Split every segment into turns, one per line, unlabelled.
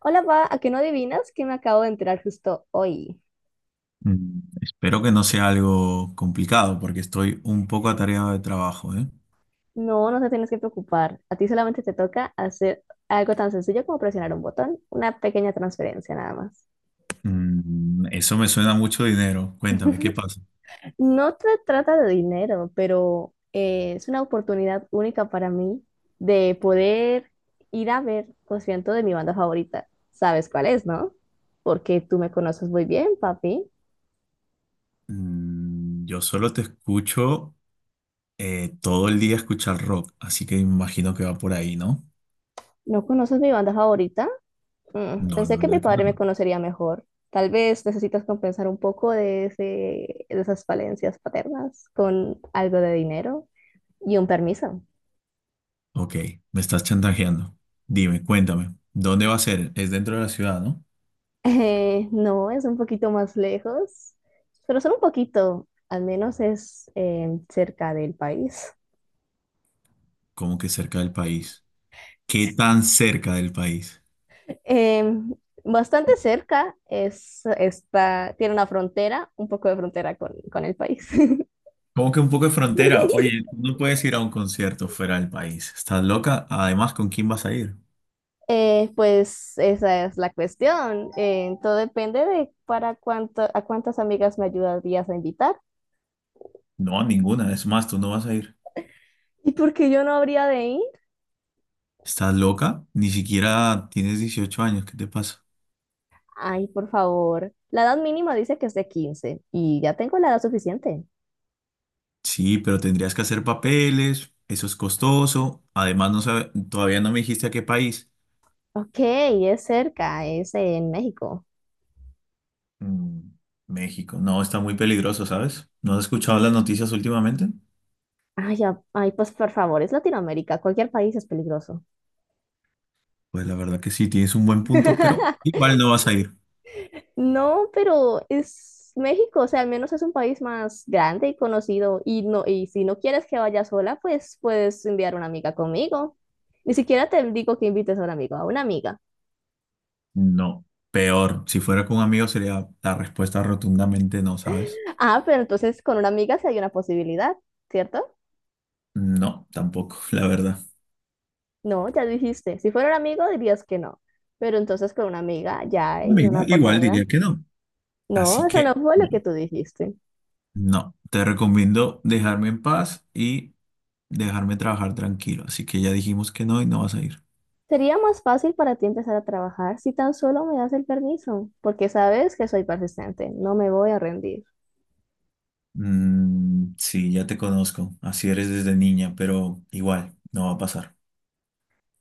Hola, pa, ¿a qué no adivinas que me acabo de enterar justo hoy?
Espero que no sea algo complicado porque estoy un poco atareado de trabajo, ¿eh?
No te tienes que preocupar. A ti solamente te toca hacer algo tan sencillo como presionar un botón, una pequeña transferencia nada más.
Eso me suena a mucho dinero. Cuéntame, ¿qué pasa?
No se trata de dinero, pero es una oportunidad única para mí de poder ir a ver concierto de mi banda favorita. ¿Sabes cuál es, no? Porque tú me conoces muy bien, papi.
Mm, yo solo te escucho todo el día escuchar rock, así que imagino que va por ahí, ¿no?
¿No conoces mi banda favorita? Mm,
No, la
pensé que mi
verdad que
padre me
no.
conocería mejor. Tal vez necesitas compensar un poco de esas falencias paternas con algo de dinero y un permiso.
Ok, me estás chantajeando. Dime, cuéntame, ¿dónde va a ser? Es dentro de la ciudad, ¿no?
No, es un poquito más lejos, pero solo un poquito, al menos es cerca del país.
Como que cerca del país. ¿Qué tan cerca del país?
Eh, Bastante cerca, tiene una frontera, un poco de frontera con el país.
Como que un poco de frontera. Oye, tú no puedes ir a un concierto fuera del país. ¿Estás loca? Además, ¿con quién vas a ir?
Pues esa es la cuestión. Todo depende de para a cuántas amigas me ayudarías a invitar.
No, a ninguna. Es más, tú no vas a ir.
¿Y por qué yo no habría de ir?
¿Estás loca? Ni siquiera tienes 18 años. ¿Qué te pasa?
Ay, por favor. La edad mínima dice que es de 15 y ya tengo la edad suficiente.
Sí, pero tendrías que hacer papeles. Eso es costoso. Además, todavía no me dijiste a qué país.
Ok, es cerca, es en México.
Mm, México. No, está muy peligroso, ¿sabes? ¿No has escuchado las noticias últimamente?
Ay, ay, pues por favor, es Latinoamérica, cualquier país es peligroso.
Pues la verdad que sí, tienes un buen punto, pero igual no vas a ir.
No, pero es México, o sea, al menos es un país más grande y conocido. Y no, y si no quieres que vaya sola, pues puedes enviar una amiga conmigo. Ni siquiera te digo que invites a a una amiga.
No, peor. Si fuera con un amigo sería la respuesta rotundamente no, ¿sabes?
Ah, pero entonces con una amiga sí hay una posibilidad, ¿cierto?
No, tampoco, la verdad.
No, ya dijiste. Si fuera un amigo dirías que no. Pero entonces con una amiga ya hay una No,
Amiga, igual
oportunidad.
diría que no. Así
No, eso
que,
no fue lo que
bueno,
tú dijiste.
no, te recomiendo dejarme en paz y dejarme trabajar tranquilo. Así que ya dijimos que no y no vas a ir.
Sería más fácil para ti empezar a trabajar si tan solo me das el permiso, porque sabes que soy persistente, no me voy a rendir.
Mm, sí, ya te conozco. Así eres desde niña, pero igual, no va a pasar.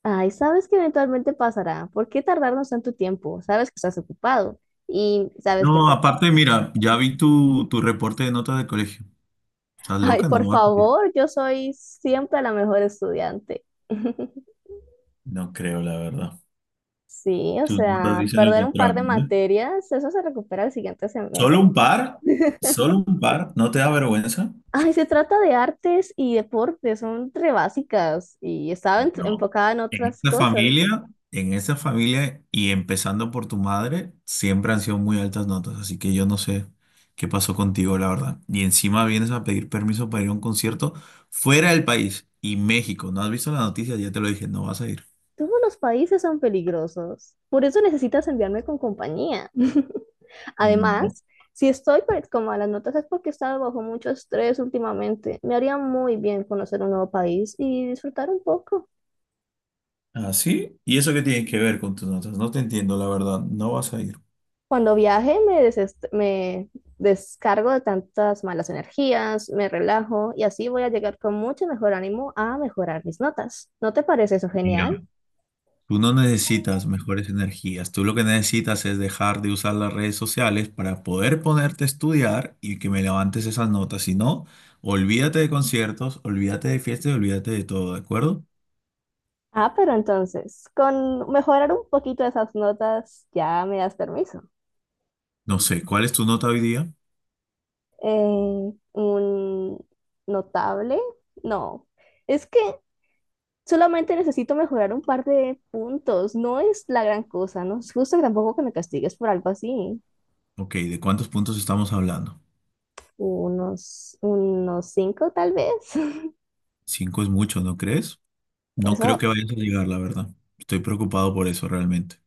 Ay, sabes que eventualmente pasará. ¿Por qué tardarnos tanto tiempo? Sabes que estás ocupado y sabes que
No,
te...
aparte, mira, ya vi tu reporte de notas del colegio. ¿Estás
Ay,
loca? No,
por
no vas a ir.
favor, yo soy siempre la mejor estudiante.
No creo, la verdad.
Sí, o
Tus notas
sea,
dicen lo
perder un par
contrario,
de
¿eh?
materias, eso se recupera el siguiente
¿Solo
semestre.
un par? ¿Solo un par? ¿No te da vergüenza?
Ay, se trata de artes y deportes, son re básicas y estaba
No.
enfocada en
En
otras
esta
cosas.
familia, en esta familia y empezando por tu madre, siempre han sido muy altas notas, así que yo no sé qué pasó contigo, la verdad. Y encima vienes a pedir permiso para ir a un concierto fuera del país y México. ¿No has visto la noticia? Ya te lo dije, no vas a ir.
Todos los países son peligrosos. Por eso necesitas enviarme con compañía.
No.
Además, si estoy pues, con malas notas es porque he estado bajo mucho estrés últimamente. Me haría muy bien conocer un nuevo país y disfrutar un poco.
¿Ah, sí? ¿Y eso qué tiene que ver con tus notas? No te entiendo, la verdad. No vas a ir.
Cuando viaje me descargo de tantas malas energías, me relajo y así voy a llegar con mucho mejor ánimo a mejorar mis notas. ¿No te parece eso
Mira.
genial?
Tú no necesitas mejores energías, tú lo que necesitas es dejar de usar las redes sociales para poder ponerte a estudiar y que me levantes esas notas. Si no, olvídate de conciertos, olvídate de fiestas, y olvídate de todo, ¿de acuerdo?
Ah, pero entonces, con mejorar un poquito esas notas ya me das permiso.
No sé, ¿cuál es tu nota hoy día?
Un notable. No, es que solamente necesito mejorar un par de puntos. No es la gran cosa, no es justo tampoco que me castigues por algo así.
Ok, ¿de cuántos puntos estamos hablando?
Unos cinco tal vez.
Cinco es mucho, ¿no crees? No creo
Eso.
que vayas a llegar, la verdad. Estoy preocupado por eso realmente.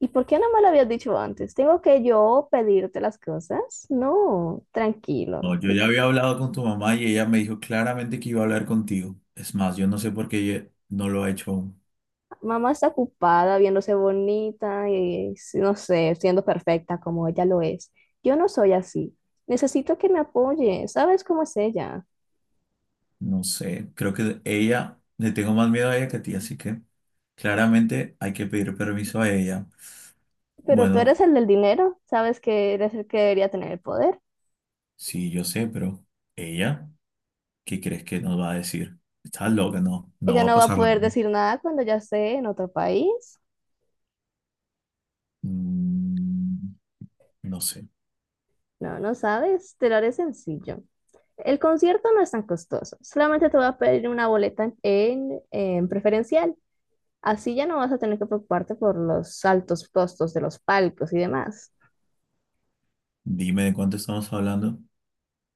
¿Y por qué no me lo habías dicho antes? ¿Tengo que yo pedirte las cosas? No, tranquilo.
No, yo ya había hablado con tu mamá y ella me dijo claramente que iba a hablar contigo. Es más, yo no sé por qué ella no lo ha hecho aún.
Mamá está ocupada viéndose bonita y, sí, no sé, siendo perfecta como ella lo es. Yo no soy así. Necesito que me apoye. ¿Sabes cómo es ella?
No sé, creo que ella, le tengo más miedo a ella que a ti, así que claramente hay que pedir permiso a ella.
Pero tú
Bueno,
eres el del dinero. Sabes que eres el que debería tener el poder.
sí, yo sé, pero ella, ¿qué crees que nos va a decir? Estás loca, no, no
Ella
va a
no va a
pasar la
poder
verdad.
decir nada cuando ya esté en otro país.
Mm, no sé,
No, no sabes. Te lo haré sencillo. El concierto no es tan costoso. Solamente te voy a pedir una boleta en preferencial. Así ya no vas a tener que preocuparte por los altos costos de los palcos y demás.
dime de cuánto estamos hablando.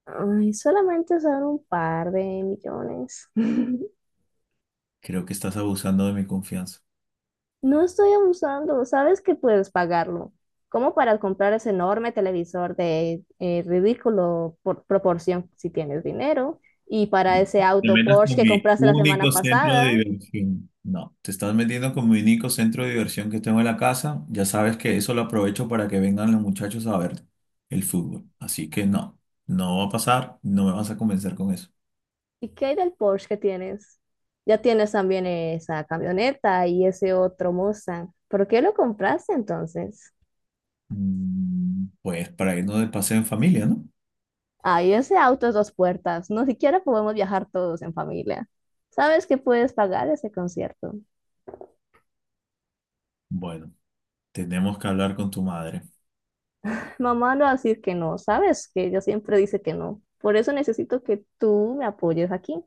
Ay, solamente son un par de millones.
Creo que estás abusando de mi confianza.
No estoy abusando, sabes que puedes pagarlo. Como para comprar ese enorme televisor de ridículo por proporción si tienes dinero. Y para ese
Te
auto
metas
Porsche
con
que
mi
compraste la semana
único centro de
pasada.
diversión. No, te estás metiendo con mi único centro de diversión que tengo en la casa. Ya sabes que eso lo aprovecho para que vengan los muchachos a ver el fútbol. Así que no, no va a pasar, no me vas a convencer con eso.
¿Y qué hay del Porsche que tienes? Ya tienes también esa camioneta y ese otro Mustang. ¿Por qué lo compraste entonces?
Pues para irnos de paseo en familia, ¿no?
Ay, ese auto es dos puertas. No siquiera podemos viajar todos en familia. ¿Sabes que puedes pagar ese concierto?
Bueno, tenemos que hablar con tu madre.
Mamá no va a decir que no. ¿Sabes que ella siempre dice que no? Por eso necesito que tú me apoyes aquí.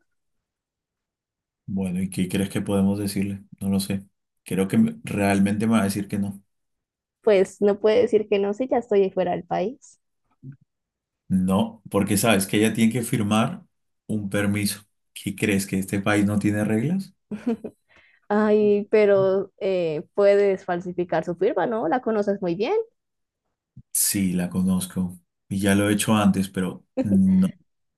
Bueno, ¿y qué crees que podemos decirle? No lo sé. Creo que realmente me va a decir que no.
Pues no puede decir que no si ya estoy fuera del país.
No, porque sabes que ella tiene que firmar un permiso. ¿Qué crees que este país no tiene reglas?
Ay, pero puedes falsificar su firma, ¿no? La conoces muy bien.
Sí, la conozco. Y ya lo he hecho antes, pero no.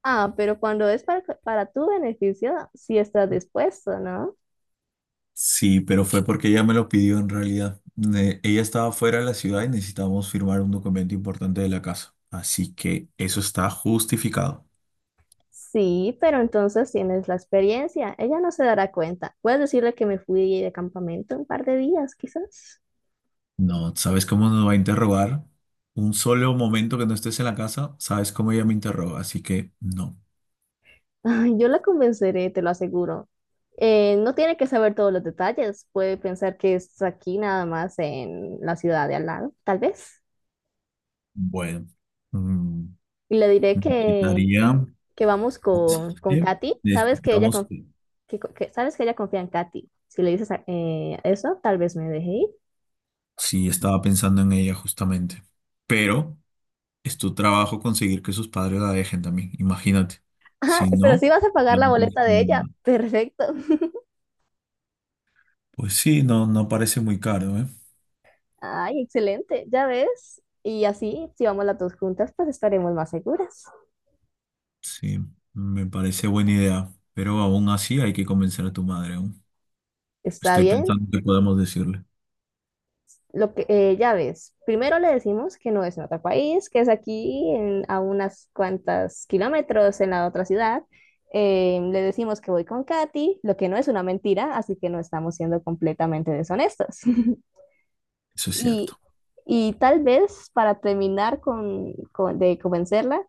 Ah, pero cuando es para tu beneficio, si estás dispuesto, ¿no?
Sí, pero fue porque ella me lo pidió en realidad. Ella estaba fuera de la ciudad y necesitábamos firmar un documento importante de la casa. Así que eso está justificado.
Sí, pero entonces tienes la experiencia. Ella no se dará cuenta. Puedes decirle que me fui de campamento un par de días, quizás.
No, ¿sabes cómo nos va a interrogar? Un solo momento que no estés en la casa, sabes cómo ella me interroga. Así que no.
Ay, yo la convenceré, te lo aseguro. No tiene que saber todos los detalles. Puede pensar que es aquí nada más en la ciudad de al lado, tal vez.
Bueno, mm,
Y le diré
necesitaría.
que vamos
¿Sabes
con
qué?
Katy. Sabes que ella,
Necesitamos que...
sabes que ella confía en Katy. Si le dices eso, tal vez me deje ir.
Sí, estaba pensando en ella justamente. Pero es tu trabajo conseguir que sus padres la dejen también, imagínate.
Ajá,
Si
pero
no,
sí vas a pagar
yo
la
no pienso
boleta
en
de
ir,
ella.
¿no?
Perfecto.
Pues sí, no, no parece muy caro, ¿eh?
Ay, excelente, ya ves. Y así, si vamos las dos juntas, pues estaremos más seguras.
Sí, me parece buena idea. Pero aún así hay que convencer a tu madre aún.
Está
Estoy
bien,
pensando que podemos decirle.
lo que ya ves. Primero le decimos que no es en otro país, que es aquí a unas cuantas kilómetros en la otra ciudad. Le decimos que voy con Katy, lo que no es una mentira, así que no estamos siendo completamente deshonestos.
Eso es
Y,
cierto.
y tal vez para terminar de convencerla,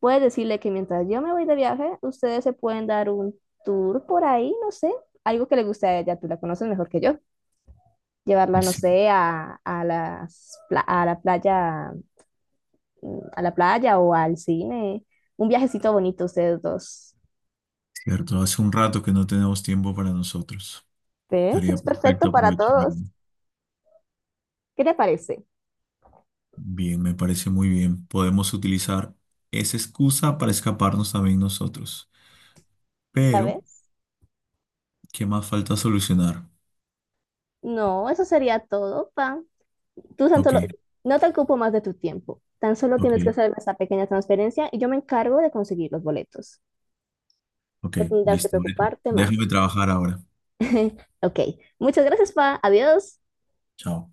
puedes decirle que mientras yo me voy de viaje, ustedes se pueden dar un tour por ahí, no sé, algo que le guste a ella, tú la conoces mejor que yo. Llevarla, no
Es ci-
sé, a las a la playa, mm, a la playa o al cine. Un viajecito bonito ustedes dos.
cierto. Hace un rato que no tenemos tiempo para nosotros.
¿Ves?
Estaría
Es
perfecto
perfecto para
aprovecharlo.
todos. ¿Qué te parece?
Bien, me parece muy bien. Podemos utilizar esa excusa para escaparnos también nosotros.
¿Ya
Pero,
ves?
¿qué más falta solucionar?
No, eso sería todo, pa. Tú tan
Ok,
solo, no te ocupo más de tu tiempo. Tan solo
ok,
tienes que hacer esta pequeña transferencia y yo me encargo de conseguir los boletos.
ok,
No tendrás que
listo.
preocuparte más.
Déjame trabajar ahora.
Ok, muchas gracias, Pa. Adiós.
Chao.